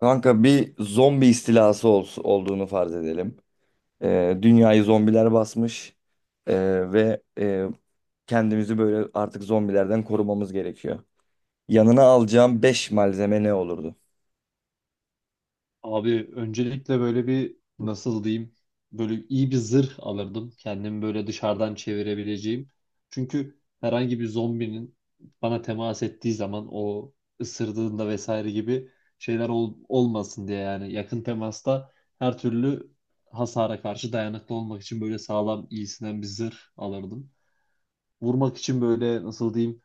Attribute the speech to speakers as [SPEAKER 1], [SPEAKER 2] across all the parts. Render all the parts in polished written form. [SPEAKER 1] Kanka bir zombi istilası olduğunu farz edelim. Dünyayı zombiler basmış. Ve kendimizi böyle artık zombilerden korumamız gerekiyor. Yanına alacağım 5 malzeme ne olurdu?
[SPEAKER 2] Abi öncelikle böyle bir nasıl diyeyim böyle iyi bir zırh alırdım. Kendimi böyle dışarıdan çevirebileceğim. Çünkü herhangi bir zombinin bana temas ettiği zaman o ısırdığında vesaire gibi şeyler olmasın diye yani yakın temasta her türlü hasara karşı dayanıklı olmak için böyle sağlam iyisinden bir zırh alırdım vurmak için böyle nasıl diyeyim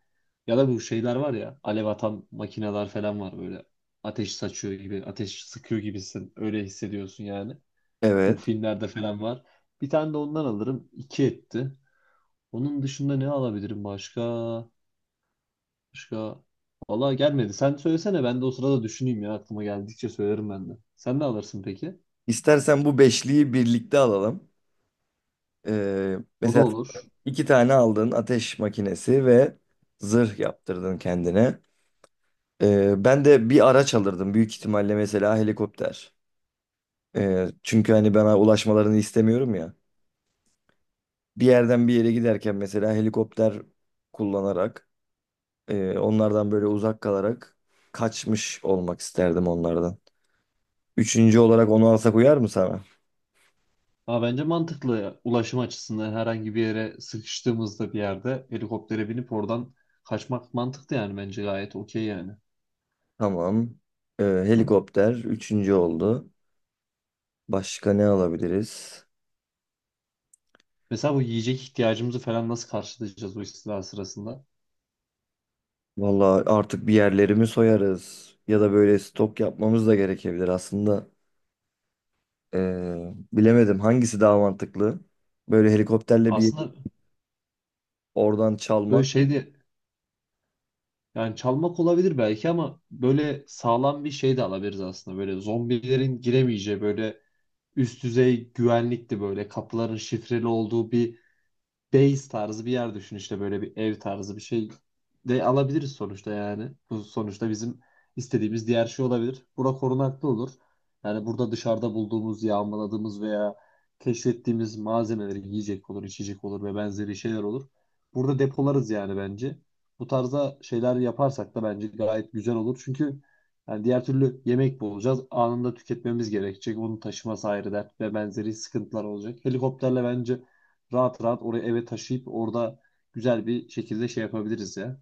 [SPEAKER 2] ya da bu şeyler var ya alev atan makineler falan var böyle ateş saçıyor gibi ateş sıkıyor gibisin öyle hissediyorsun yani. Bu
[SPEAKER 1] Evet.
[SPEAKER 2] filmlerde falan var. Bir tane de ondan alırım. İki etti. Onun dışında ne alabilirim başka? Başka vallahi gelmedi. Sen söylesene ben de o sırada düşüneyim ya aklıma geldikçe söylerim ben de. Sen ne alırsın peki?
[SPEAKER 1] İstersen bu beşliyi birlikte alalım. Ee,
[SPEAKER 2] O da
[SPEAKER 1] mesela
[SPEAKER 2] olur.
[SPEAKER 1] iki tane aldın ateş makinesi ve zırh yaptırdın kendine. Ben de bir araç alırdım büyük ihtimalle, mesela helikopter. Çünkü hani ben ulaşmalarını istemiyorum ya. Bir yerden bir yere giderken mesela helikopter kullanarak onlardan böyle uzak kalarak kaçmış olmak isterdim onlardan. Üçüncü olarak onu alsak uyar mı sana?
[SPEAKER 2] Ama bence mantıklı ya. Ulaşım açısından herhangi bir yere sıkıştığımızda bir yerde helikoptere binip oradan kaçmak mantıklı yani bence gayet okey yani.
[SPEAKER 1] Tamam. Helikopter üçüncü oldu. Başka ne alabiliriz?
[SPEAKER 2] Mesela bu yiyecek ihtiyacımızı falan nasıl karşılayacağız o istila sırasında?
[SPEAKER 1] Vallahi artık bir yerlerimi soyarız. Ya da böyle stok yapmamız da gerekebilir aslında. E, bilemedim hangisi daha mantıklı? Böyle helikopterle bir
[SPEAKER 2] Aslında
[SPEAKER 1] oradan
[SPEAKER 2] böyle
[SPEAKER 1] çalmak.
[SPEAKER 2] şey de yani çalmak olabilir belki ama böyle sağlam bir şey de alabiliriz aslında. Böyle zombilerin giremeyeceği böyle üst düzey güvenlikli böyle kapıların şifreli olduğu bir base tarzı bir yer düşün işte böyle bir ev tarzı bir şey de alabiliriz sonuçta yani. Bu sonuçta bizim istediğimiz diğer şey olabilir. Bura korunaklı olur. Yani burada dışarıda bulduğumuz, yağmaladığımız veya keşfettiğimiz malzemeleri yiyecek olur, içecek olur ve benzeri şeyler olur. Burada depolarız yani bence. Bu tarzda şeyler yaparsak da bence gayet güzel olur. Çünkü yani diğer türlü yemek bulacağız. Anında tüketmemiz gerekecek. Onu taşıması ayrı dert ve benzeri sıkıntılar olacak. Helikopterle bence rahat rahat oraya eve taşıyıp orada güzel bir şekilde şey yapabiliriz ya.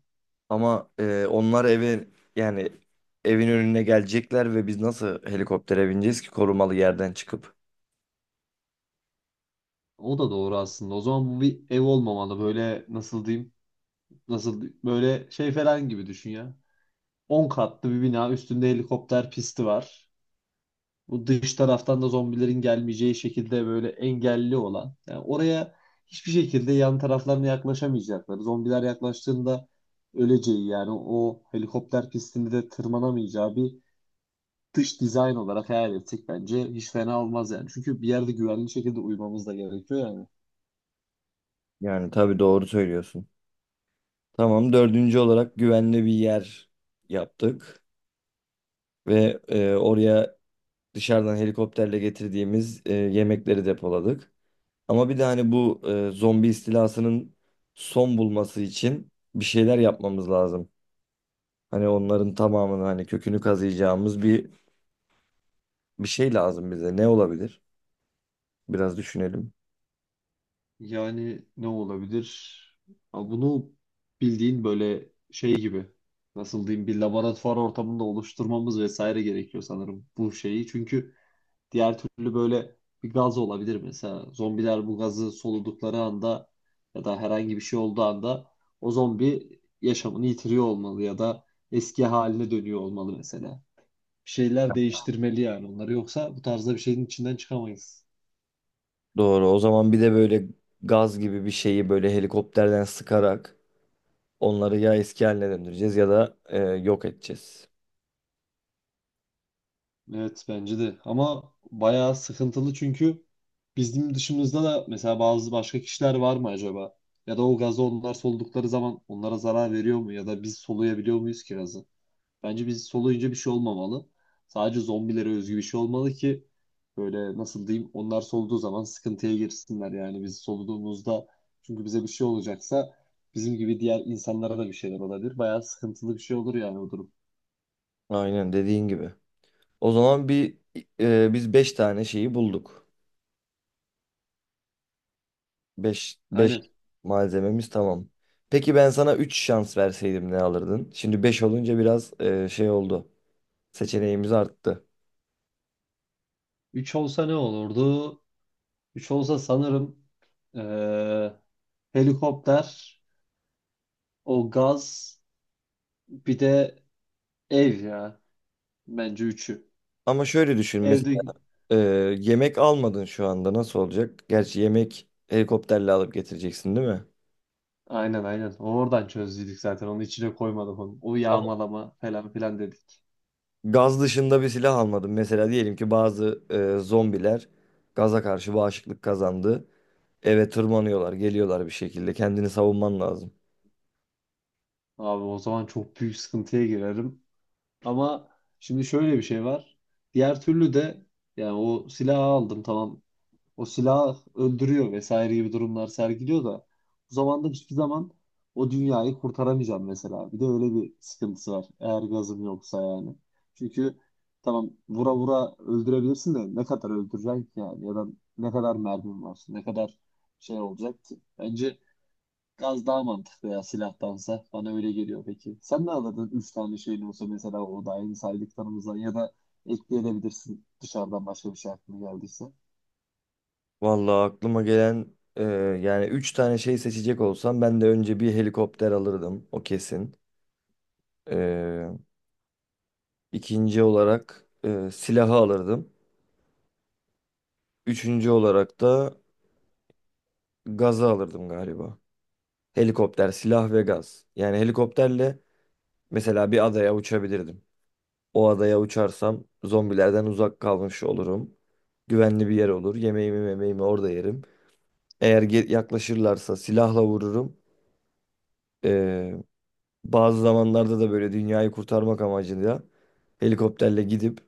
[SPEAKER 1] Ama onlar eve, yani evin önüne gelecekler ve biz nasıl helikoptere bineceğiz ki korumalı yerden çıkıp?
[SPEAKER 2] O da doğru aslında. O zaman bu bir ev olmamalı. Böyle nasıl diyeyim? Nasıl böyle şey falan gibi düşün ya. 10 katlı bir bina üstünde helikopter pisti var. Bu dış taraftan da zombilerin gelmeyeceği şekilde böyle engelli olan. Yani oraya hiçbir şekilde yan taraflarına yaklaşamayacakları. Zombiler yaklaştığında öleceği yani o helikopter pistinde de tırmanamayacağı bir dış dizayn olarak hayal etsek bence hiç fena olmaz yani. Çünkü bir yerde güvenli şekilde uyumamız da gerekiyor yani.
[SPEAKER 1] Yani tabii doğru söylüyorsun. Tamam, dördüncü olarak güvenli bir yer yaptık ve oraya dışarıdan helikopterle getirdiğimiz yemekleri depoladık. Ama bir de hani bu zombi istilasının son bulması için bir şeyler yapmamız lazım. Hani onların tamamını, hani kökünü kazıyacağımız bir şey lazım bize. Ne olabilir? Biraz düşünelim.
[SPEAKER 2] Yani ne olabilir? Ama bunu bildiğin böyle şey gibi nasıl diyeyim bir laboratuvar ortamında oluşturmamız vesaire gerekiyor sanırım bu şeyi. Çünkü diğer türlü böyle bir gaz olabilir mesela. Zombiler bu gazı soludukları anda ya da herhangi bir şey olduğu anda o zombi yaşamını yitiriyor olmalı ya da eski haline dönüyor olmalı mesela. Şeyler değiştirmeli yani onları. Yoksa bu tarzda bir şeyin içinden çıkamayız.
[SPEAKER 1] Doğru. O zaman bir de böyle gaz gibi bir şeyi böyle helikopterden sıkarak onları ya eski haline döndüreceğiz ya da yok edeceğiz.
[SPEAKER 2] Evet bence de. Ama bayağı sıkıntılı çünkü bizim dışımızda da mesela bazı başka kişiler var mı acaba? Ya da o gazı onlar soldukları zaman onlara zarar veriyor mu? Ya da biz soluyabiliyor muyuz ki gazı? Bence biz soluyunca bir şey olmamalı. Sadece zombilere özgü bir şey olmalı ki böyle nasıl diyeyim onlar soluduğu zaman sıkıntıya girsinler yani biz soluduğumuzda çünkü bize bir şey olacaksa bizim gibi diğer insanlara da bir şeyler olabilir. Bayağı sıkıntılı bir şey olur yani o durum.
[SPEAKER 1] Aynen dediğin gibi. O zaman bir biz 5 tane şeyi bulduk. Beş
[SPEAKER 2] Aynen.
[SPEAKER 1] malzememiz tamam. Peki ben sana 3 şans verseydim ne alırdın? Şimdi 5 olunca biraz şey oldu. Seçeneğimiz arttı.
[SPEAKER 2] Üç olsa ne olurdu? 3 olsa sanırım eee, helikopter, o gaz bir de ev ya. Bence üçü.
[SPEAKER 1] Ama şöyle düşün, mesela
[SPEAKER 2] Evde
[SPEAKER 1] e, yemek almadın, şu anda nasıl olacak? Gerçi yemek helikopterle alıp getireceksin, değil mi?
[SPEAKER 2] aynen, aynen. Oradan çözdük zaten. Onu içine koymadım onu. O yağmalama falan filan dedik.
[SPEAKER 1] Gaz dışında bir silah almadım. Mesela diyelim ki bazı zombiler gaza karşı bağışıklık kazandı. Eve tırmanıyorlar, geliyorlar bir şekilde. Kendini savunman lazım.
[SPEAKER 2] Abi o zaman çok büyük sıkıntıya girerim. Ama şimdi şöyle bir şey var. Diğer türlü de yani o silahı aldım tamam o silah öldürüyor vesaire gibi durumlar sergiliyor da bu zamanda hiçbir zaman o dünyayı kurtaramayacağım mesela. Bir de öyle bir sıkıntısı var. Eğer gazım yoksa yani. Çünkü tamam vura vura öldürebilirsin de ne kadar öldüreceksin ki yani ya da ne kadar mermin var, ne kadar şey olacak ki. Bence gaz daha mantıklı ya silahtansa. Bana öyle geliyor peki. Sen ne alırdın 3 tane şeyin olsa mesela o da aynı saydıklarımızdan ya da ekleyebilirsin dışarıdan başka bir şey aklına geldiyse.
[SPEAKER 1] Vallahi aklıma gelen e, yani 3 tane şey seçecek olsam, ben de önce bir helikopter alırdım. O kesin. E, ikinci olarak silahı alırdım. Üçüncü olarak da gazı alırdım galiba. Helikopter, silah ve gaz. Yani helikopterle mesela bir adaya uçabilirdim. O adaya uçarsam zombilerden uzak kalmış olurum. Güvenli bir yer olur. Yemeğimi memeğimi orada yerim. Eğer yaklaşırlarsa silahla vururum. Ee, Bazı zamanlarda da böyle dünyayı kurtarmak amacıyla helikopterle gidip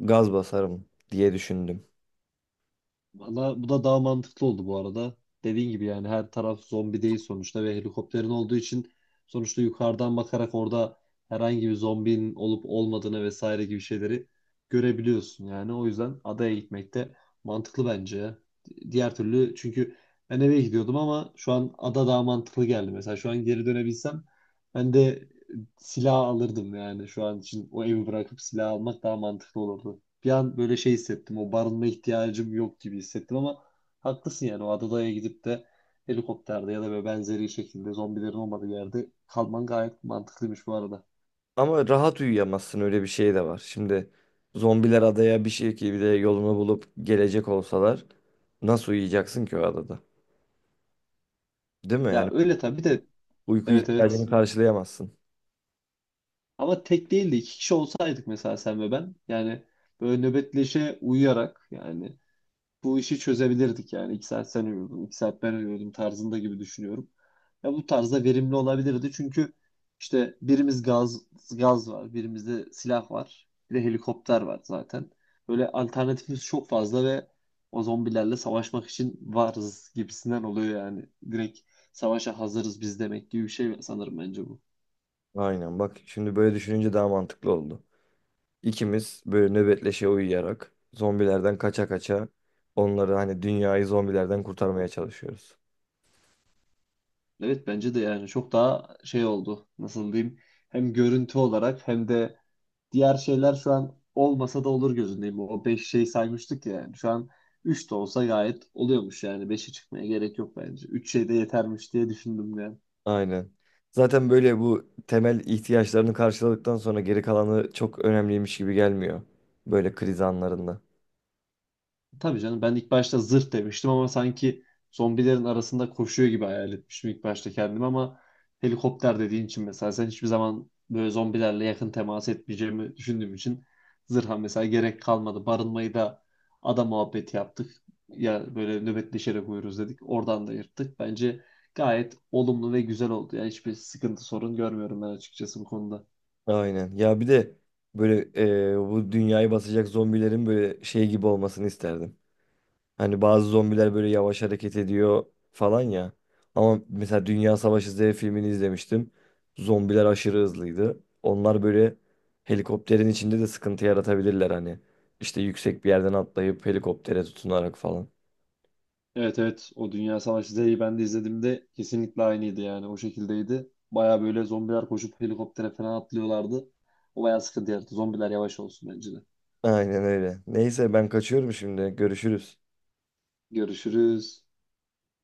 [SPEAKER 1] gaz basarım diye düşündüm.
[SPEAKER 2] Valla bu da daha mantıklı oldu bu arada. Dediğin gibi yani her taraf zombi değil sonuçta ve helikopterin olduğu için sonuçta yukarıdan bakarak orada herhangi bir zombinin olup olmadığını vesaire gibi şeyleri görebiliyorsun yani. O yüzden adaya gitmek de mantıklı bence, ya. Diğer türlü çünkü ben eve gidiyordum ama şu an ada daha mantıklı geldi. Mesela şu an geri dönebilsem ben de silah alırdım yani şu an için o evi bırakıp silah almak daha mantıklı olurdu. Bir an böyle şey hissettim. O barınma ihtiyacım yok gibi hissettim ama haklısın yani. O adadaya gidip de helikopterde ya da böyle benzeri şekilde zombilerin olmadığı yerde kalman gayet mantıklıymış bu arada.
[SPEAKER 1] Ama rahat uyuyamazsın, öyle bir şey de var. Şimdi zombiler adaya bir şekilde yolunu bulup gelecek olsalar nasıl uyuyacaksın ki o adada? Değil mi?
[SPEAKER 2] Ya
[SPEAKER 1] Yani
[SPEAKER 2] öyle tabii de,
[SPEAKER 1] uyku
[SPEAKER 2] evet,
[SPEAKER 1] ihtiyacını
[SPEAKER 2] evet.
[SPEAKER 1] karşılayamazsın.
[SPEAKER 2] Ama tek değil de iki kişi olsaydık mesela sen ve ben. Yani böyle nöbetleşe uyuyarak yani bu işi çözebilirdik yani. İki saat sen uyuyordun, iki saat ben uyuyordum tarzında gibi düşünüyorum. Ya bu tarzda verimli olabilirdi çünkü işte birimiz gaz var, birimizde silah var, bir de helikopter var zaten. Böyle alternatifimiz çok fazla ve o zombilerle savaşmak için varız gibisinden oluyor yani. Direkt savaşa hazırız biz demek gibi bir şey sanırım bence bu.
[SPEAKER 1] Aynen, bak şimdi böyle düşününce daha mantıklı oldu. İkimiz böyle nöbetleşe uyuyarak zombilerden kaça kaça onları, hani dünyayı zombilerden kurtarmaya çalışıyoruz.
[SPEAKER 2] Evet bence de yani çok daha şey oldu. Nasıl diyeyim? Hem görüntü olarak hem de diğer şeyler şu an olmasa da olur gözündeyim. O 5 şey saymıştık ya. Yani. Şu an 3 de olsa gayet oluyormuş yani. 5'e çıkmaya gerek yok bence. Üç şey de yetermiş diye düşündüm.
[SPEAKER 1] Aynen. Zaten böyle bu temel ihtiyaçlarını karşıladıktan sonra geri kalanı çok önemliymiş gibi gelmiyor. Böyle kriz anlarında.
[SPEAKER 2] Tabii canım ben ilk başta zırh demiştim ama sanki zombilerin arasında koşuyor gibi hayal etmiştim ilk başta kendimi ama helikopter dediğin için mesela sen hiçbir zaman böyle zombilerle yakın temas etmeyeceğimi düşündüğüm için zırha mesela gerek kalmadı. Barınmayı da ada muhabbeti yaptık. Ya böyle nöbetleşerek uyuruz dedik. Oradan da yırttık. Bence gayet olumlu ve güzel oldu. Yani hiçbir sıkıntı sorun görmüyorum ben açıkçası bu konuda.
[SPEAKER 1] Aynen. Ya bir de böyle bu dünyayı basacak zombilerin böyle şey gibi olmasını isterdim. Hani bazı zombiler böyle yavaş hareket ediyor falan ya. Ama mesela Dünya Savaşı Z filmini izlemiştim. Zombiler aşırı hızlıydı. Onlar böyle helikopterin içinde de sıkıntı yaratabilirler hani. İşte yüksek bir yerden atlayıp helikoptere tutunarak falan.
[SPEAKER 2] Evet, evet, o Dünya Savaşı Z'yi ben de izlediğimde kesinlikle aynıydı yani o şekildeydi. Baya böyle zombiler koşup helikoptere falan atlıyorlardı. O baya sıkıntı yarattı. Zombiler yavaş olsun bence de.
[SPEAKER 1] Aynen öyle. Neyse ben kaçıyorum şimdi. Görüşürüz.
[SPEAKER 2] Görüşürüz.